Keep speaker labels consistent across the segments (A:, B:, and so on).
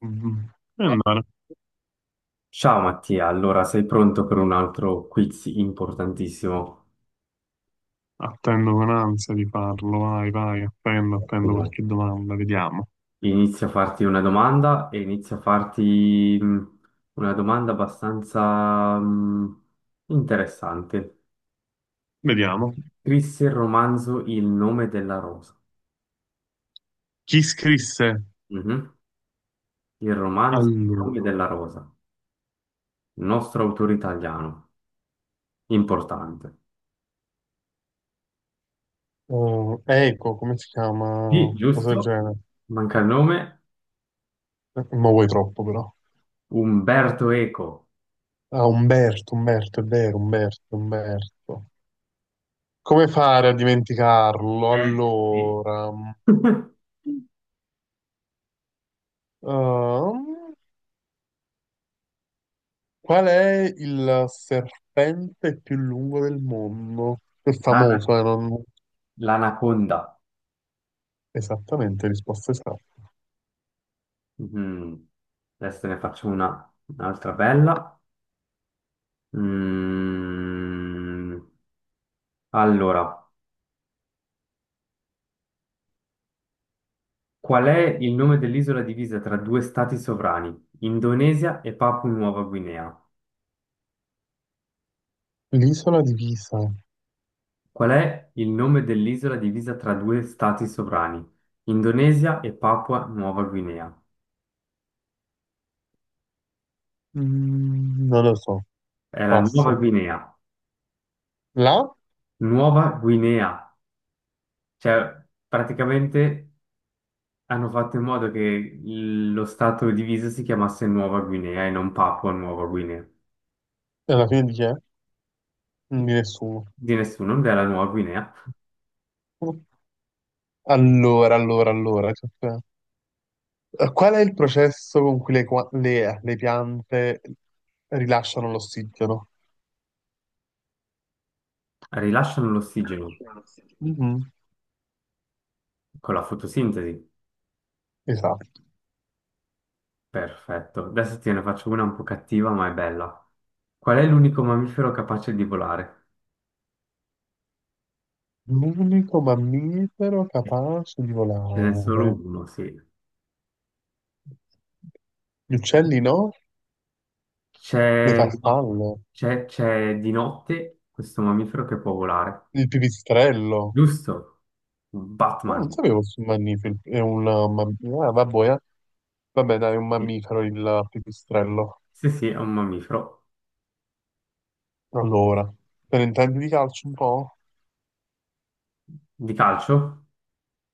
A: Mhm. E allora,
B: Ciao Mattia, allora sei pronto per un altro quiz importantissimo?
A: attendo con ansia di farlo, vai, vai, attendo, attendo
B: Ottimo.
A: qualche domanda, vediamo,
B: Inizio a farti una domanda e inizio a farti una domanda abbastanza interessante.
A: vediamo.
B: Scrisse il romanzo Il nome della rosa.
A: Chi scrisse,
B: Mhm. Il romanzo Il
A: allora?
B: nome della rosa, nostro autore italiano, importante.
A: Oh, ecco, come si chiama?
B: Sì,
A: Cosa del
B: giusto?
A: genere?
B: Manca il nome?
A: Ma vuoi troppo però.
B: Umberto Eco.
A: Ah, Umberto, Umberto, è vero, Umberto, Umberto. Come fare a dimenticarlo?
B: Sì.
A: Allora, ehm, qual è il serpente più lungo del mondo? È
B: Ah,
A: famoso, non...
B: l'anaconda.
A: Esattamente, risposta esatta.
B: Mhm. Adesso ne faccio una, un'altra bella. Mm. Allora, qual è il nome dell'isola divisa tra due stati sovrani, Indonesia e Papua Nuova Guinea?
A: L'isola di Pisa.
B: Qual è il nome dell'isola divisa tra due stati sovrani, Indonesia e Papua Nuova Guinea?
A: Non lo so,
B: È la Nuova
A: passo.
B: Guinea.
A: La?
B: Nuova Guinea. Cioè, praticamente hanno fatto in modo che lo stato diviso si chiamasse Nuova Guinea e non Papua Nuova Guinea.
A: E alla fine di chi è? Di nessuno.
B: Di nessuno, non è la Nuova Guinea.
A: Allora, allora, allora. Cioè, qual è il processo con cui le piante rilasciano l'ossigeno?
B: Rilasciano l'ossigeno
A: Mhm.
B: con la fotosintesi.
A: Esatto.
B: Perfetto. Adesso te ne faccio una un po' cattiva, ma è bella. Qual è l'unico mammifero capace di volare?
A: L'unico mammifero capace di
B: Ce n'è solo
A: volare.
B: uno, sì.
A: Gli uccelli no? Le
B: C'è no,
A: farfalle?
B: c'è di notte questo mammifero che può volare.
A: Il pipistrello?
B: Giusto.
A: No, non
B: Batman.
A: sapevo fosse un mammifero. È un mammifero. Ah, vabbè, eh. Vabbè, dai, è un
B: Sì,
A: mammifero il pipistrello.
B: sì, sì, è un mammifero.
A: Allora, te ne intendi di calcio un po'?
B: Di calcio?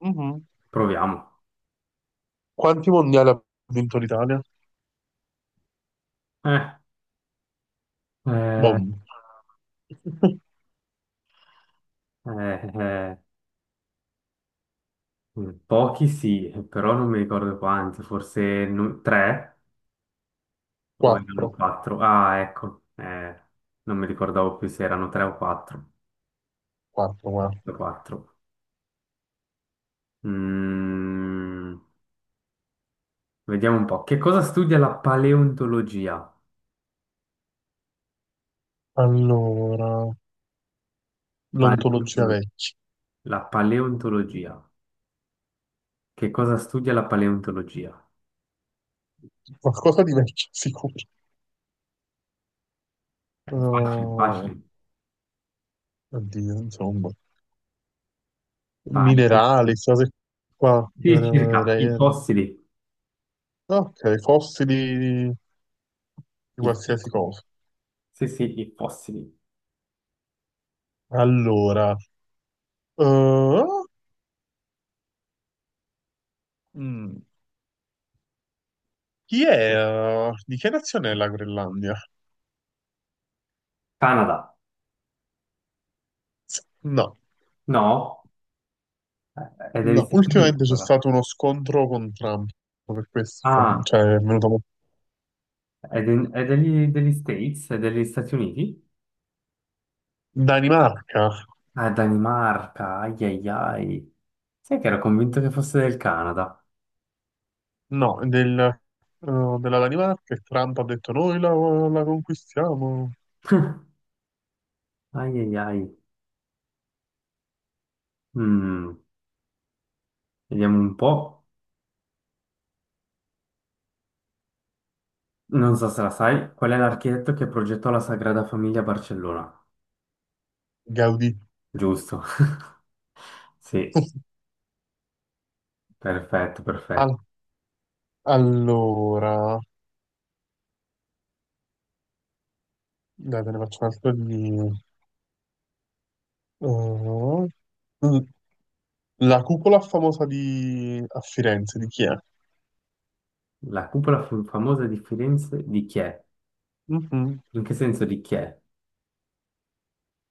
A: Mhm.
B: Proviamo.
A: Quanti mondiali ha vinto l'Italia?
B: Eh, eh,
A: Boom.
B: eh, eh, pochi sì, però non mi ricordo quanti, forse tre o erano
A: Quattro.
B: quattro. Ah, ecco, non mi ricordavo più se erano tre o quattro.
A: Quattro, guarda.
B: Quattro, quattro. Mm, vediamo un po'. Che cosa studia la paleontologia?
A: Allora, l'ontologia
B: Paleontolo-
A: vecchia.
B: la paleontologia. Che cosa studia la paleontologia?
A: Qualcosa di vecchio, sicuro.
B: È facile,
A: Oh,
B: facile.
A: oddio, insomma.
B: Pale-
A: Minerali, queste cose qua.
B: Sì, circa i fossili.
A: Ok, fossili di
B: I-
A: qualsiasi cosa.
B: Sì, sì, i fossili.
A: Allora, oh, Mm, chi è? Di che nazione è la Groenlandia?
B: Canada.
A: No,
B: No, eh, è degli
A: no,
B: Stati Uniti
A: ultimamente c'è
B: allora.
A: stato uno scontro con Trump, per questo,
B: Ah,
A: cioè è venuto...
B: è, è degli, degli States, è degli Stati Uniti?
A: Danimarca?
B: Ah, è Danimarca, ai ai ai. Sai che ero convinto che fosse del Canada.
A: No, del, della Danimarca e Trump ha detto noi la conquistiamo.
B: Ai ai ai. Mm, vediamo un po'. Non so se la sai, qual è l'architetto che progettò la Sagrada Famiglia a Barcellona?
A: Gaudì.
B: Giusto. Sì, perfetto, perfetto.
A: Al- allora, dai, te ne faccio un'altra di... oh, mm, la cupola famosa di... a Firenze, di chi è?
B: La cupola famosa di Firenze di chi è?
A: Mhm.
B: In che senso di chi è?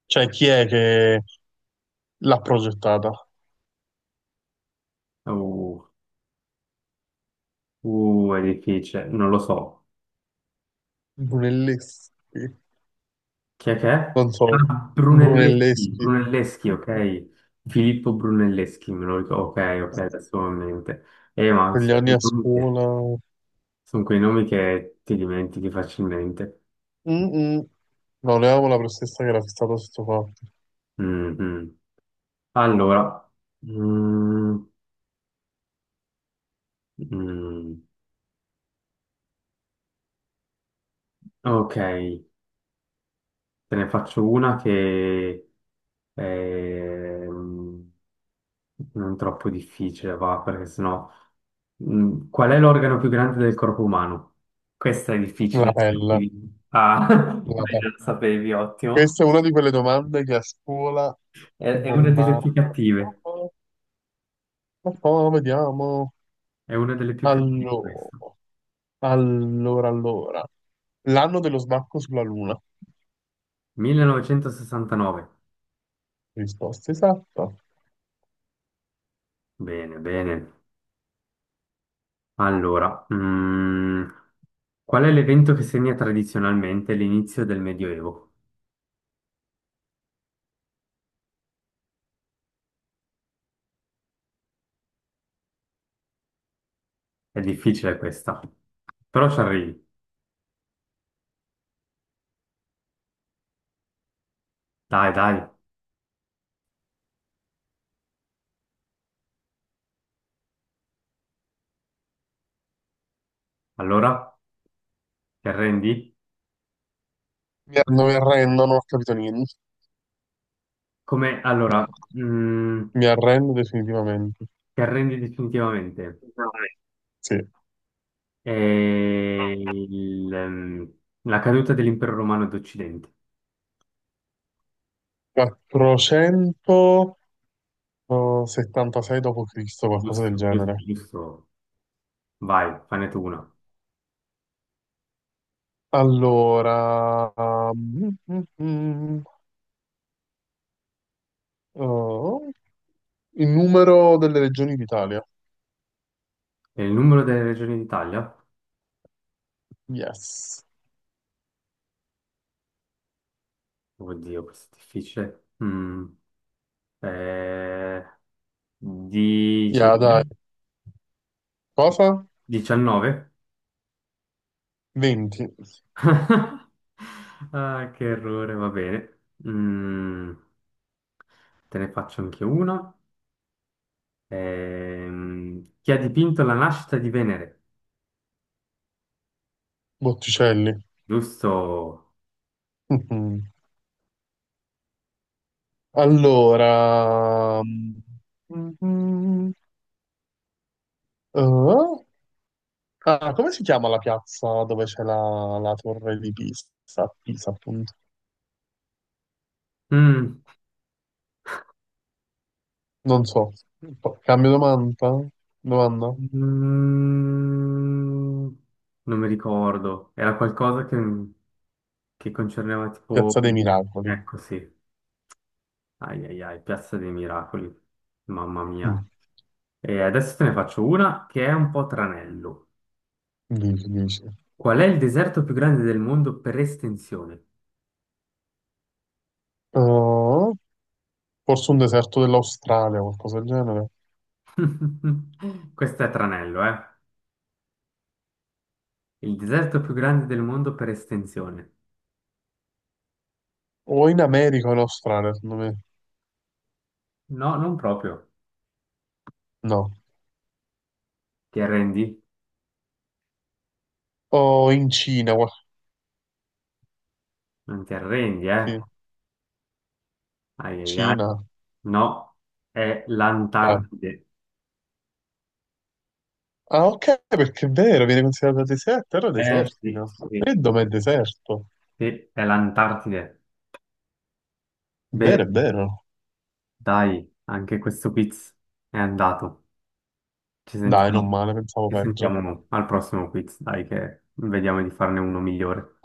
A: Cioè, chi è che l'ha progettata.
B: Uh, è difficile, non lo so.
A: Brunelleschi,
B: Chi è che è?
A: non so,
B: Ah, Brunelleschi,
A: Brunelleschi,
B: Brunelleschi, ok. Filippo Brunelleschi, me lo ricordo. Ok, ok, adesso ho in mente. Ma
A: quegli
B: sono
A: anni
B: quei
A: a
B: nomi che
A: scuola.
B: sono quei nomi che ti dimentichi facilmente.
A: Mm-mm. No, ne avevo la professoressa che era fissata su questo fatto.
B: Mm, mm. Allora, mm, mm. ok. Te ne faccio una che è non troppo difficile, va, perché sennò... Mm, qual è l'organo più grande del corpo umano? Questa è
A: La
B: difficile.
A: pelle,
B: Ah,
A: la
B: beh,
A: pelle.
B: già lo sapevi, ottimo.
A: Questa è una di quelle domande che a scuola ti
B: È una delle più
A: bombardano. Ah,
B: cattive.
A: ah, ah, ah, vediamo.
B: È una delle più cattive questa.
A: Allora, allora, allora. L'anno dello sbarco sulla Luna.
B: 1969.
A: Risposta esatta.
B: Bene, bene. Allora, qual è l'evento che segna tradizionalmente l'inizio del Medioevo? È difficile questa, però ci arrivi. Dai, dai. Allora, ti arrendi?
A: Mi arrendo, non ho capito niente.
B: Come,
A: Mi
B: allora,
A: ar-
B: mm,
A: mi arrendo definitivamente.
B: ti arrendi definitivamente.
A: Dai. Sì.
B: È il, la caduta dell'impero romano d'Occidente.
A: 476 d.C., qualcosa del
B: Giusto, giusto,
A: genere.
B: giusto. Vai, fane tu una.
A: Allora, mm, mm, mm, mm, oh, il numero delle regioni d'Italia.
B: E il numero delle regioni d'Italia?
A: Yes.
B: Oddio, questo è difficile. Eh,
A: Yeah, dai.
B: 19?
A: Cosa?
B: 19?
A: 20.
B: Ah, che errore, va bene. Mm, te ne faccio anche uno. Chi ha dipinto la nascita di Venere?
A: Botticelli.
B: Giusto.
A: Mhm. Allora, mm, mm, oh, ah, come si chiama la piazza dove c'è la torre di Pisa? Pisa, appunto.
B: Mm,
A: Non so. Cambio domanda? Domanda?
B: mm, non mi ricordo. Era qualcosa che concerneva tipo...
A: Piazza dei Miracoli.
B: Ecco sì. Ai ai ai, Piazza dei Miracoli. Mamma mia.
A: Mm,
B: E adesso te ne faccio una che è un po' tranello.
A: Dici, dici.
B: Qual è il deserto più grande del mondo per estensione?
A: Uh, Forse un deserto dell'Australia, qualcosa del genere.
B: Questo è tranello, eh? Il deserto più grande del mondo per estensione.
A: O in America o in Australia, secondo me.
B: No, non proprio.
A: No.
B: Ti arrendi?
A: O in Cina,
B: Non ti arrendi, eh?
A: sì.
B: Ai ai ai.
A: Cina.
B: No, è
A: Vai.
B: l'Antartide.
A: Ah, ok, perché è vero, viene considerato deserto, terra
B: Eh sì,
A: desertica.
B: sì,
A: E
B: sì,
A: dov'è deserto?
B: sì, è l'Antartide.
A: È vero,
B: Beh,
A: è vero.
B: dai, anche questo quiz è andato. Ci
A: Dai, non
B: sentiamo,
A: male, pensavo
B: ci
A: peggio.
B: sentiamo al prossimo quiz, dai, che vediamo di farne uno migliore.